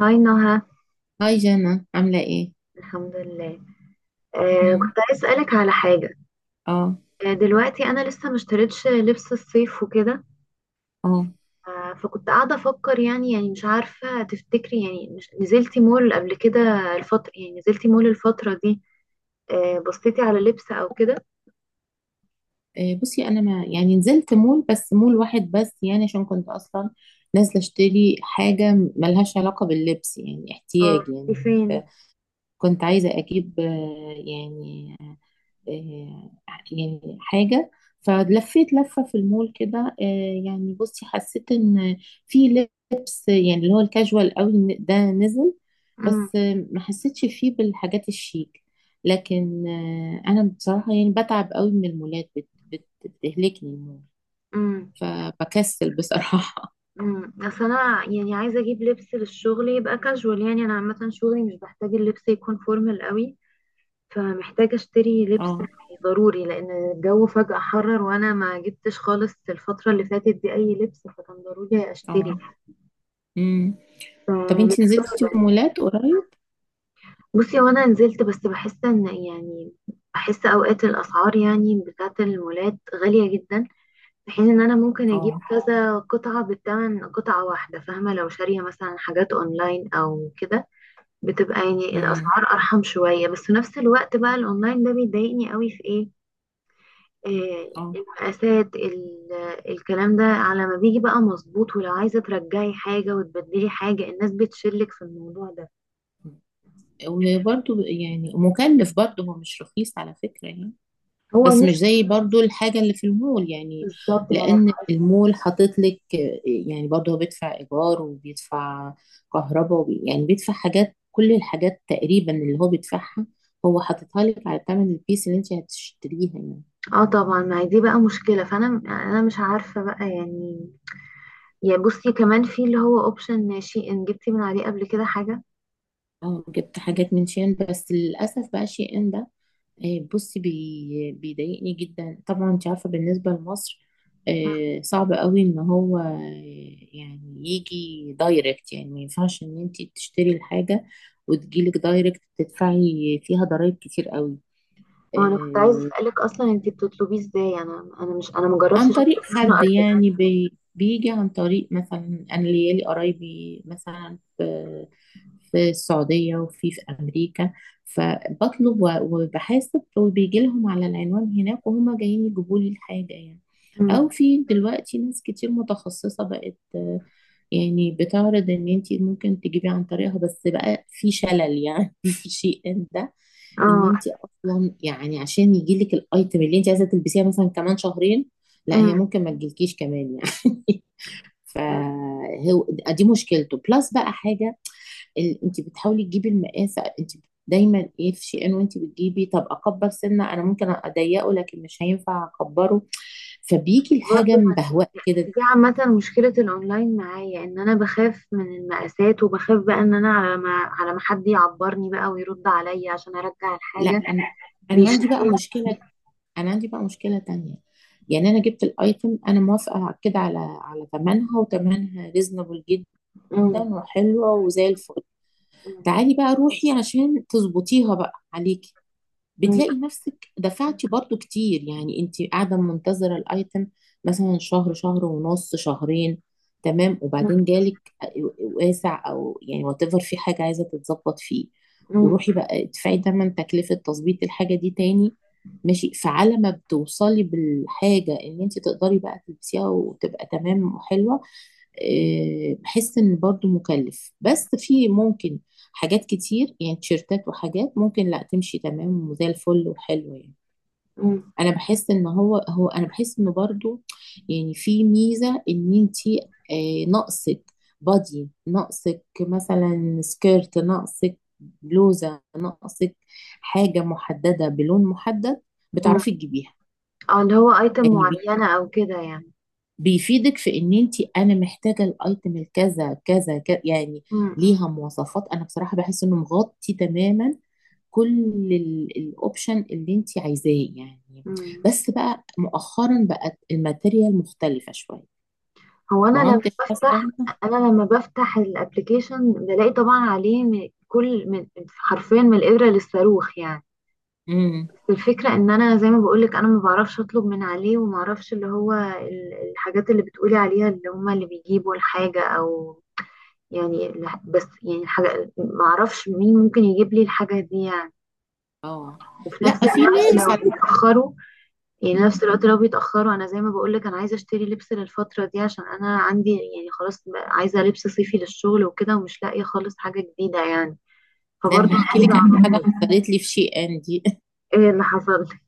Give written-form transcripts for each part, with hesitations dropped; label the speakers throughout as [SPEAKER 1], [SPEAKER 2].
[SPEAKER 1] هاي نهى.
[SPEAKER 2] هاي جانا عاملة ايه؟
[SPEAKER 1] الحمد لله.
[SPEAKER 2] مم.
[SPEAKER 1] كنت عايز اسالك على حاجه.
[SPEAKER 2] اه
[SPEAKER 1] دلوقتي انا لسه ما اشتريتش لبس الصيف وكده.
[SPEAKER 2] اه
[SPEAKER 1] فكنت قاعده افكر، يعني مش عارفه تفتكري، يعني مش نزلتي مول قبل كده الفتره، يعني نزلتي مول الفتره دي؟ بصيتي على لبس او كده؟
[SPEAKER 2] إيه، بصي انا ما يعني نزلت مول، بس مول واحد بس، يعني عشان كنت اصلا نازلة اشتري حاجة ملهاش علاقة باللبس، يعني
[SPEAKER 1] اه.
[SPEAKER 2] احتياج
[SPEAKER 1] دي
[SPEAKER 2] يعني.
[SPEAKER 1] فين؟
[SPEAKER 2] ف- كنت عايزة اجيب يعني آه، يعني حاجة. فلفيت لفة في المول كده، يعني بصي حسيت ان في لبس يعني اللي هو الكاجوال قوي ده نزل.
[SPEAKER 1] امم.
[SPEAKER 2] بس ما حسيتش فيه بالحاجات الشيك، لكن انا بصراحة يعني بتعب قوي من المولات، بتهلكني المول
[SPEAKER 1] امم.
[SPEAKER 2] فبكسل بصراحة.
[SPEAKER 1] امم. اصل انا يعني عايزه اجيب لبس للشغل يبقى كاجوال، يعني انا عامه شغلي مش بحتاج اللبس يكون فورمال قوي، فمحتاجة اشتري لبس
[SPEAKER 2] اه
[SPEAKER 1] ضروري، لان الجو فجأة حرر وانا ما جبتش خالص الفترة اللي فاتت دي اي لبس، فكان ضروري اشتري.
[SPEAKER 2] اه امم. طب انتي نزلتي
[SPEAKER 1] فمحتاجة.
[SPEAKER 2] مولات قريب؟
[SPEAKER 1] بصي، وانا نزلت، بس بحس ان يعني بحس اوقات الاسعار يعني بتاعة المولات غالية جدا، في حين ان انا ممكن اجيب
[SPEAKER 2] اه
[SPEAKER 1] كذا قطعة بالثمن قطعة واحدة، فاهمة؟ لو شارية مثلا حاجات اونلاين او كده بتبقى يعني
[SPEAKER 2] امم
[SPEAKER 1] الاسعار ارحم شوية، بس في نفس الوقت بقى الاونلاين ده بيضايقني قوي في ايه،
[SPEAKER 2] اه.
[SPEAKER 1] المقاسات الكلام ده على ما بيجي بقى مظبوط، ولو عايزة ترجعي حاجة وتبدلي حاجة الناس بتشلك في الموضوع ده.
[SPEAKER 2] وبرضو يعني مكلف، برضو هو مش رخيص على فكرة يعني،
[SPEAKER 1] هو
[SPEAKER 2] بس
[SPEAKER 1] مش
[SPEAKER 2] مش زي برضو الحاجة اللي في المول يعني.
[SPEAKER 1] بالظبط، ما انا.
[SPEAKER 2] لأن المول حاطط لك يعني، برضو هو بيدفع إيجار وبيدفع كهرباء يعني بيدفع حاجات، كل الحاجات تقريبا اللي هو بيدفعها هو حاططها لك على ثمن البيس اللي انت هتشتريها يعني.
[SPEAKER 1] اه طبعا، ما هي دي بقى مشكلة، فانا مش عارفة بقى يعني. يا بصي، كمان في اللي هو اوبشن شي ان. جبتي من عليه قبل كده حاجة؟
[SPEAKER 2] اه جبت حاجات من شين، بس للأسف بقى شي ان ده بصي بيضايقني جدا. طبعا انت عارفه بالنسبه لمصر صعب قوي ان هو، يعني يجي دايركت، يعني ما ينفعش ان انت تشتري الحاجه وتجيلك دايركت، تدفعي فيها ضرائب كتير قوي.
[SPEAKER 1] وانا كنت عايزة اسألك اصلا انتي بتطلبيه ازاي، انا انا مش انا مجربتش
[SPEAKER 2] عن
[SPEAKER 1] اطلب
[SPEAKER 2] طريق
[SPEAKER 1] منه
[SPEAKER 2] حد
[SPEAKER 1] قبل كده.
[SPEAKER 2] يعني بيجي عن طريق مثلا، انا ليالي قرايبي مثلا في في السعودية وفي في أمريكا، فبطلب وبحاسب وبيجي لهم على العنوان هناك وهما جايين يجيبوا لي الحاجة يعني.
[SPEAKER 1] أمم.
[SPEAKER 2] أو في دلوقتي ناس كتير متخصصة بقت، يعني بتعرض إن أنت ممكن تجيبي عن طريقها، بس بقى في شلل يعني. في شيء ان ده إن
[SPEAKER 1] اه.
[SPEAKER 2] أنت أصلا يعني عشان يجيلك الأيتم اللي أنت عايزة تلبسيها مثلا كمان شهرين، لا هي
[SPEAKER 1] أمم.
[SPEAKER 2] ممكن ما تجيلكيش كمان يعني.
[SPEAKER 1] أمم.
[SPEAKER 2] فهو دي مشكلته. بلس بقى حاجه، انت بتحاولي تجيبي المقاس، انت دايما ايه في شيئين وانت بتجيبي، طب اكبر سنه انا ممكن اضيقه لكن مش هينفع اكبره، فبيجي الحاجه
[SPEAKER 1] برضو
[SPEAKER 2] مبهوأ كده.
[SPEAKER 1] دي عامة مشكلة الأونلاين معايا، إن أنا بخاف من المقاسات، وبخاف بقى إن أنا على ما حد يعبرني بقى ويرد عليا عشان أرجع
[SPEAKER 2] لا
[SPEAKER 1] الحاجة
[SPEAKER 2] انا، انا عندي بقى
[SPEAKER 1] بيشتري.
[SPEAKER 2] مشكله انا عندي بقى مشكله تانية. يعني انا جبت الايتم، انا موافقه كده على على ثمنها، وثمنها ريزنبل جدا
[SPEAKER 1] مم.
[SPEAKER 2] وحلوه وزي الفل.
[SPEAKER 1] مم.
[SPEAKER 2] تعالي بقى روحي عشان تظبطيها بقى عليكي،
[SPEAKER 1] مم.
[SPEAKER 2] بتلاقي نفسك دفعتي برضو كتير يعني. انت قاعدة منتظرة الايتم مثلا شهر، شهر ونص، شهرين، تمام، وبعدين جالك واسع او يعني whatever، في حاجة عايزة تتظبط فيه.
[SPEAKER 1] مم.
[SPEAKER 2] وروحي بقى ادفعي تمن تكلفة تظبيط الحاجة دي تاني. ماشي، فعلى ما بتوصلي بالحاجة ان انت تقدري بقى تلبسيها وتبقى تمام وحلوة، بحس ان برضو مكلف. بس في ممكن حاجات كتير يعني، تيشيرتات وحاجات ممكن لا تمشي تمام وزي الفل وحلوه يعني.
[SPEAKER 1] مم.
[SPEAKER 2] انا بحس ان هو انا بحس انه برضو يعني في ميزه ان انتي، ناقصك بادي، ناقصك مثلا سكيرت، ناقصك بلوزه، ناقصك حاجه محدده بلون محدد،
[SPEAKER 1] مم.
[SPEAKER 2] بتعرفي تجيبيها.
[SPEAKER 1] اه، اللي هو أيتم
[SPEAKER 2] يعني
[SPEAKER 1] معينة أو كده يعني.
[SPEAKER 2] بيفيدك في ان انت، انا محتاجه الايتم الكذا كذا كذا يعني،
[SPEAKER 1] مم. مم.
[SPEAKER 2] ليها مواصفات. انا بصراحه بحس انه مغطي تماما كل الاوبشن اللي انت عايزاه يعني.
[SPEAKER 1] مم.
[SPEAKER 2] بس بقى مؤخرا بقت الماتيريال مختلفه شويه.
[SPEAKER 1] هو أنا
[SPEAKER 2] ما هو
[SPEAKER 1] لما
[SPEAKER 2] انت حاسه
[SPEAKER 1] بفتح،
[SPEAKER 2] انت.
[SPEAKER 1] أنا لما بفتح الأبليكيشن بلاقي طبعا عليه من كل من، حرفيا من الإبرة للصاروخ يعني.
[SPEAKER 2] امم
[SPEAKER 1] الفكرة ان انا زي ما بقولك انا ما بعرفش اطلب من عليه، وما اعرفش اللي هو الحاجات اللي بتقولي عليها، اللي هما اللي بيجيبوا الحاجة او يعني بس يعني الحاجة ما اعرفش مين ممكن يجيب لي الحاجة دي يعني،
[SPEAKER 2] اه.
[SPEAKER 1] وفي نفس
[SPEAKER 2] لا في
[SPEAKER 1] الوقت
[SPEAKER 2] ناس
[SPEAKER 1] لو
[SPEAKER 2] على
[SPEAKER 1] بيتأخروا، يعني
[SPEAKER 2] فكرة-
[SPEAKER 1] نفس الوقت لو بيتأخروا انا زي ما بقولك انا عايزة اشتري لبس للفترة دي عشان انا عندي، يعني خلاص بقى عايزة لبس صيفي للشغل وكده، ومش لاقية خالص حاجة جديدة يعني،
[SPEAKER 2] ده
[SPEAKER 1] فبرضه
[SPEAKER 2] انا هحكي
[SPEAKER 1] عايزة
[SPEAKER 2] لك على حاجه
[SPEAKER 1] اعرف.
[SPEAKER 2] حصلت لي في شي ان دي.
[SPEAKER 1] ايه اللي حصل لك؟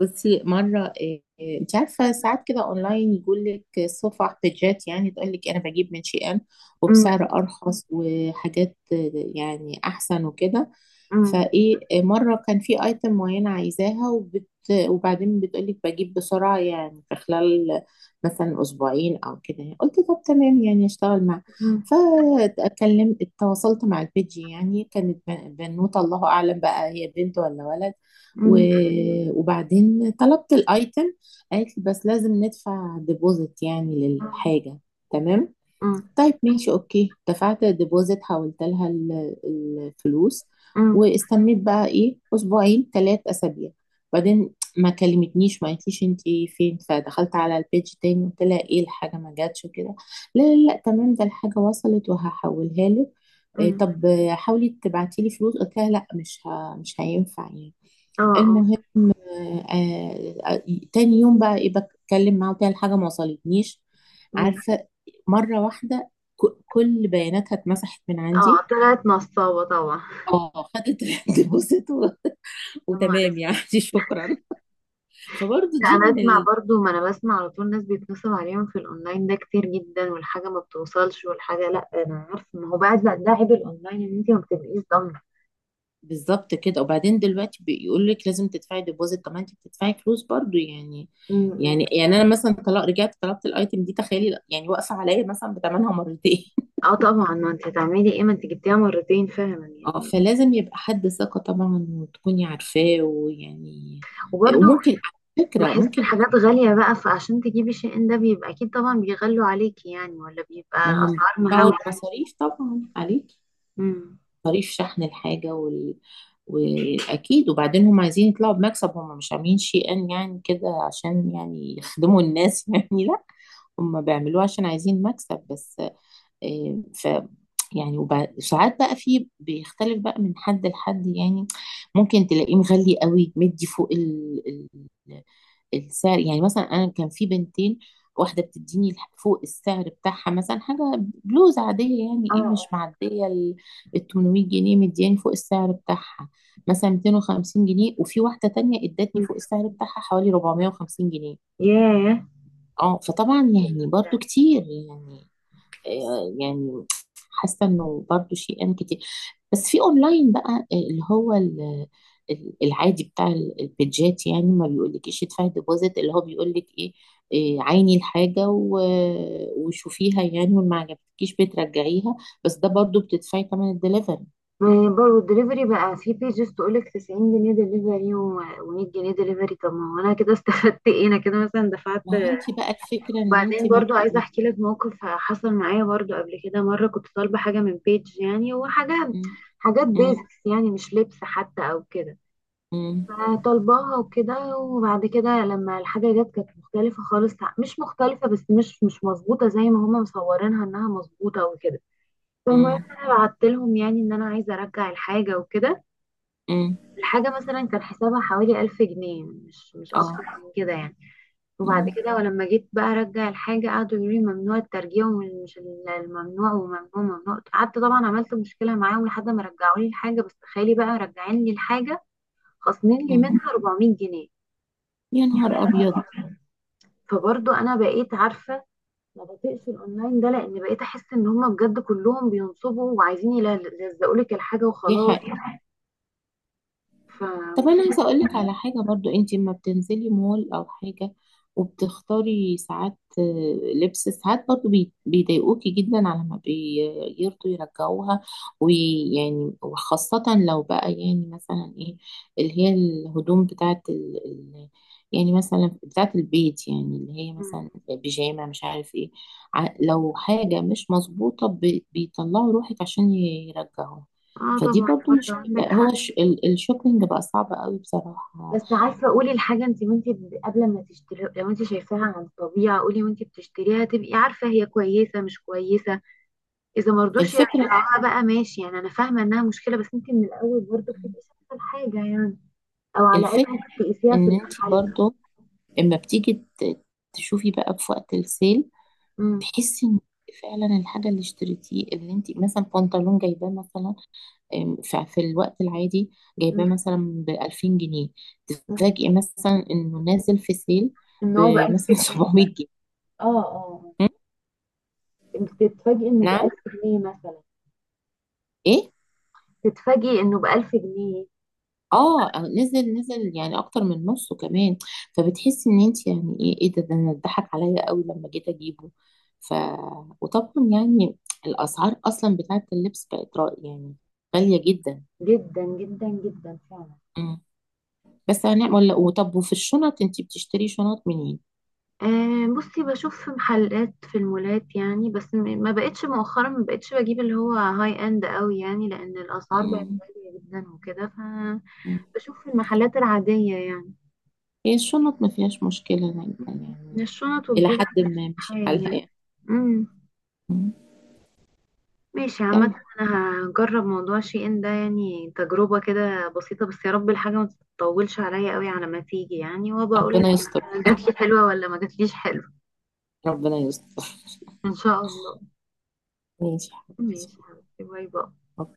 [SPEAKER 2] بصي مرة إيه، إيه، انت عارفة ساعات كده اونلاين يقول لك صفح بيجات، يعني تقول لك انا بجيب من شي ان
[SPEAKER 1] م-
[SPEAKER 2] وبسعر ارخص وحاجات يعني احسن وكده.
[SPEAKER 1] م-
[SPEAKER 2] فايه مرة كان في ايتم معينة عايزاها وبعدين بتقولك بجيب بسرعة يعني في خلال مثلا اسبوعين او كده يعني. قلت طب تمام يعني، اشتغل مع،
[SPEAKER 1] م-
[SPEAKER 2] فاتكلم، اتواصلت مع البيجي يعني. كانت بنوتة الله اعلم بقى هي بنت ولا ولد،
[SPEAKER 1] م-
[SPEAKER 2] وبعدين طلبت الايتم. قالت لي بس لازم ندفع ديبوزيت يعني للحاجة. تمام،
[SPEAKER 1] م-
[SPEAKER 2] طيب ماشي، اوكي دفعت ديبوزيت، حولت لها الفلوس.
[SPEAKER 1] امم.
[SPEAKER 2] واستنيت بقى ايه، اسبوعين، ثلاث اسابيع، بعدين ما كلمتنيش ما قالتليش انت فين. فدخلت على البيج تاني قلت لها ايه الحاجه ما جاتش وكده، لا لا لا تمام ده الحاجه وصلت وهحولها لك. إيه
[SPEAKER 1] امم.
[SPEAKER 2] طب حاولي تبعتي لي فلوس، قلت لها لا مش هينفع يعني.
[SPEAKER 1] اه. اه.
[SPEAKER 2] المهم آه، آه، آه، تاني يوم بقى ايه بتكلم معاه وكده، الحاجة ما وصلتنيش.
[SPEAKER 1] امم.
[SPEAKER 2] عارفة، مرة واحدة كل بياناتها اتمسحت من عندي.
[SPEAKER 1] اه طلعت نصابة طبعا.
[SPEAKER 2] اه خدت الديبوزيت
[SPEAKER 1] يا نهار
[SPEAKER 2] وتمام
[SPEAKER 1] اسود.
[SPEAKER 2] يعني. شكرا. فبرضه
[SPEAKER 1] لا،
[SPEAKER 2] دي
[SPEAKER 1] انا
[SPEAKER 2] من
[SPEAKER 1] اسمع،
[SPEAKER 2] ال...
[SPEAKER 1] برضو ما انا بسمع على طول ناس بيتنصب عليهم في الاونلاين ده كتير جدا، والحاجة ما بتوصلش والحاجة. لا انا عارفة، ما هو بعد ده عيب الاونلاين، ان انت ما بتبقيش ضامنة.
[SPEAKER 2] بالظبط كده. وبعدين دلوقتي بيقول لك لازم تدفعي ديبوزيت، طب ما انت بتدفعي فلوس برضه يعني.
[SPEAKER 1] أمم. أمم.
[SPEAKER 2] يعني انا مثلا طلع رجعت طلبت الايتم دي، تخيلي يعني واقفه عليا مثلا بثمنها مرتين.
[SPEAKER 1] اه طبعا، ما انت هتعملي ايه ما انت جبتيها مرتين فعلا
[SPEAKER 2] اه
[SPEAKER 1] يعني.
[SPEAKER 2] فلازم يبقى حد ثقة طبعا وتكوني عارفاه ويعني.
[SPEAKER 1] وبرضو
[SPEAKER 2] وممكن على فكرة
[SPEAKER 1] بحس
[SPEAKER 2] ممكن،
[SPEAKER 1] الحاجات غالية بقى، فعشان تجيبي شيء ده بيبقى اكيد طبعا بيغلوا عليكي يعني، ولا بيبقى
[SPEAKER 2] ما هم
[SPEAKER 1] الاسعار
[SPEAKER 2] بيدفعوا
[SPEAKER 1] مهولة.
[SPEAKER 2] المصاريف طبعا عليك،
[SPEAKER 1] امم.
[SPEAKER 2] مصاريف شحن الحاجة وأكيد. وبعدين هم عايزين يطلعوا بمكسب، هم مش عاملين شيئا يعني كده عشان يعني يخدموا الناس. يعني لا، هم بيعملوه عشان عايزين مكسب بس. آه، ف يعني وساعات بقى في بيختلف بقى من حد لحد يعني. ممكن تلاقيه مغلي قوي، مدي فوق ال... السعر يعني. مثلا انا كان في بنتين، واحده بتديني فوق السعر بتاعها مثلا حاجه بلوز عاديه يعني،
[SPEAKER 1] اه.
[SPEAKER 2] ايه
[SPEAKER 1] اه.
[SPEAKER 2] مش معديه ال 800 جنيه، مدياني فوق السعر بتاعها مثلا 250 جنيه. وفي واحده تانية ادتني
[SPEAKER 1] أمم.
[SPEAKER 2] فوق السعر بتاعها حوالي 450 جنيه.
[SPEAKER 1] ياه.
[SPEAKER 2] اه فطبعا
[SPEAKER 1] كتير
[SPEAKER 2] يعني
[SPEAKER 1] جدا.
[SPEAKER 2] برضو كتير يعني، يعني حاسه انه برضو شيئا كتير. بس في اونلاين بقى، اللي هو العادي بتاع البيدجات يعني، ما بيقولكيش ادفعي ديبوزيت، اللي هو بيقولك ايه عيني الحاجة وشوفيها يعني، وما عجبتكيش بترجعيها. بس ده برضو بتدفعي تمن الدليفري.
[SPEAKER 1] برضه الدليفري بقى في بيجز تقولك 90 جنيه دليفري و100 جنيه دليفري، طب ما هو انا كده استفدت ايه، انا كده مثلا دفعت.
[SPEAKER 2] ما هو انت بقى الفكرة ان انت
[SPEAKER 1] وبعدين
[SPEAKER 2] ما
[SPEAKER 1] برضو
[SPEAKER 2] بت...
[SPEAKER 1] عايزه
[SPEAKER 2] ما-
[SPEAKER 1] احكي لك موقف حصل معايا برضو قبل كده. مره كنت طالبه حاجه من بيج يعني، وحاجه،
[SPEAKER 2] م-
[SPEAKER 1] حاجات
[SPEAKER 2] م-
[SPEAKER 1] بيزكس يعني، مش لبس حتى او كده،
[SPEAKER 2] م-
[SPEAKER 1] فطالباها وكده، وبعد كده لما الحاجه جت كانت مختلفه خالص، مش مختلفه بس مش مظبوطه زي ما هما مصورينها انها مظبوطه وكده. فالمهم
[SPEAKER 2] م-
[SPEAKER 1] انا بعت لهم يعني ان انا عايزه ارجع الحاجه وكده.
[SPEAKER 2] م-
[SPEAKER 1] الحاجة مثلا كان حسابها حوالي 1000 جنيه، مش أكتر
[SPEAKER 2] اه
[SPEAKER 1] من كده يعني. وبعد
[SPEAKER 2] م-
[SPEAKER 1] كده ولما جيت بقى أرجع الحاجة قعدوا يقولوا لي ممنوع الترجيع، ومش الممنوع وممنوع، ممنوع، قعدت طبعا عملت مشكلة معاهم لحد ما رجعوا لي الحاجة، بس تخيلي بقى راجعين لي الحاجة خاصمين لي
[SPEAKER 2] م.
[SPEAKER 1] منها 400 جنيه.
[SPEAKER 2] يا نهار ابيض.
[SPEAKER 1] فبرضو أنا بقيت عارفة ما بطيقش الأونلاين ده، لأن بقيت أحس إن هما بجد كلهم بينصبوا وعايزين يلزقوا لك الحاجة
[SPEAKER 2] دي
[SPEAKER 1] وخلاص.
[SPEAKER 2] حق. طب انا عايزه
[SPEAKER 1] فمشكلة.
[SPEAKER 2] اقولك على حاجه، برضو انت لما بتنزلي مول او حاجه وبتختاري ساعات لبس، ساعات برضو بيضايقوكي جدا على ما بيرضوا يرجعوها ويعني. وخاصه لو بقى يعني مثلا ايه اللي هي الهدوم بتاعت يعني مثلا بتاعت البيت يعني، اللي هي مثلا بيجامه مش عارف ايه، لو حاجه مش مظبوطه بيطلعوا روحك عشان يرجعوها.
[SPEAKER 1] اه
[SPEAKER 2] فدي
[SPEAKER 1] طبعا،
[SPEAKER 2] برضو
[SPEAKER 1] برضه
[SPEAKER 2] مشكلة.
[SPEAKER 1] عندك
[SPEAKER 2] هو
[SPEAKER 1] حق.
[SPEAKER 2] الشوبينج بقى صعب قوي بصراحة.
[SPEAKER 1] بس عارفه، قولي الحاجه انت، وانت قبل ما تشتري لو انت شايفاها عن الطبيعه قولي وانت بتشتريها تبقي عارفه هي كويسه مش كويسه، اذا مرضوش
[SPEAKER 2] الفكرة
[SPEAKER 1] يرجعوها بقى ماشي، يعني انا فاهمه انها مشكله، بس انت من الاول برضه بتبقي شايفه الحاجه يعني، او على الاقل
[SPEAKER 2] الفكرة
[SPEAKER 1] ممكن تقيسيها في
[SPEAKER 2] ان انت
[SPEAKER 1] المحل.
[SPEAKER 2] برضو اما بتيجي ت- تشوفي بقى في وقت السيل،
[SPEAKER 1] امم.
[SPEAKER 2] تحسي ان فعلا الحاجة اللي اشتريتيه، اللي انت مثلا بنطلون جايباه مثلا في الوقت العادي جايباه
[SPEAKER 1] أمم.
[SPEAKER 2] مثلا ب 2000 جنيه،
[SPEAKER 1] أمم.
[SPEAKER 2] تتفاجئي مثلا انه نازل في سيل
[SPEAKER 1] ان هو بألف
[SPEAKER 2] بمثلا
[SPEAKER 1] جنيه مثلاً.
[SPEAKER 2] 700 جنيه.
[SPEAKER 1] اه. اه.
[SPEAKER 2] م?
[SPEAKER 1] انت تتفاجئي انه
[SPEAKER 2] نعم.
[SPEAKER 1] ب1000 جنيه مثلا.
[SPEAKER 2] ايه.
[SPEAKER 1] تتفاجئي انه بألف جنيه.
[SPEAKER 2] اه نزل يعني اكتر من نصه كمان. فبتحسي ان انت يعني ايه ايه، ده انا اتضحك عليا قوي لما جيت اجيبه. ف وطبعا يعني الاسعار اصلا بتاعت اللبس بقت رأي يعني غالية جدا.
[SPEAKER 1] جدا جدا جدا فعلا.
[SPEAKER 2] مم. بس هنعمل، وطب وفي الشنط انت بتشتري شنط منين؟
[SPEAKER 1] بصي، بشوف محلات في المولات يعني، بس ما بقتش مؤخرا، ما بقتش بجيب اللي هو هاي اند قوي يعني لان الاسعار بقت
[SPEAKER 2] مم.
[SPEAKER 1] غالية جدا وكده،
[SPEAKER 2] مم.
[SPEAKER 1] فبشوف في المحلات العادية يعني.
[SPEAKER 2] هي الشنط ما فيهاش مشكلة يعني
[SPEAKER 1] مم.
[SPEAKER 2] يعني،
[SPEAKER 1] الشنط
[SPEAKER 2] الى
[SPEAKER 1] والجزم
[SPEAKER 2] حد
[SPEAKER 1] مش
[SPEAKER 2] ما
[SPEAKER 1] حال
[SPEAKER 2] ماشي
[SPEAKER 1] يعني.
[SPEAKER 2] حالها يعني.
[SPEAKER 1] مم.
[SPEAKER 2] مم.
[SPEAKER 1] ماشي
[SPEAKER 2] يلا،
[SPEAKER 1] عامة. انا هجرب موضوع شي ان ده، يعني تجربة كده بسيطة، بس يا رب الحاجة ما تطولش عليا قوي على ما تيجي يعني، وبقول لك
[SPEAKER 2] ربنا يستر،
[SPEAKER 1] جاتلي حلوة ولا ما جاتليش حلوة.
[SPEAKER 2] ربنا يستر.
[SPEAKER 1] ان شاء الله.
[SPEAKER 2] ماشي يا حبيبتي.
[SPEAKER 1] ماشي يا حبيبتي، باي باي.
[SPEAKER 2] أوكي.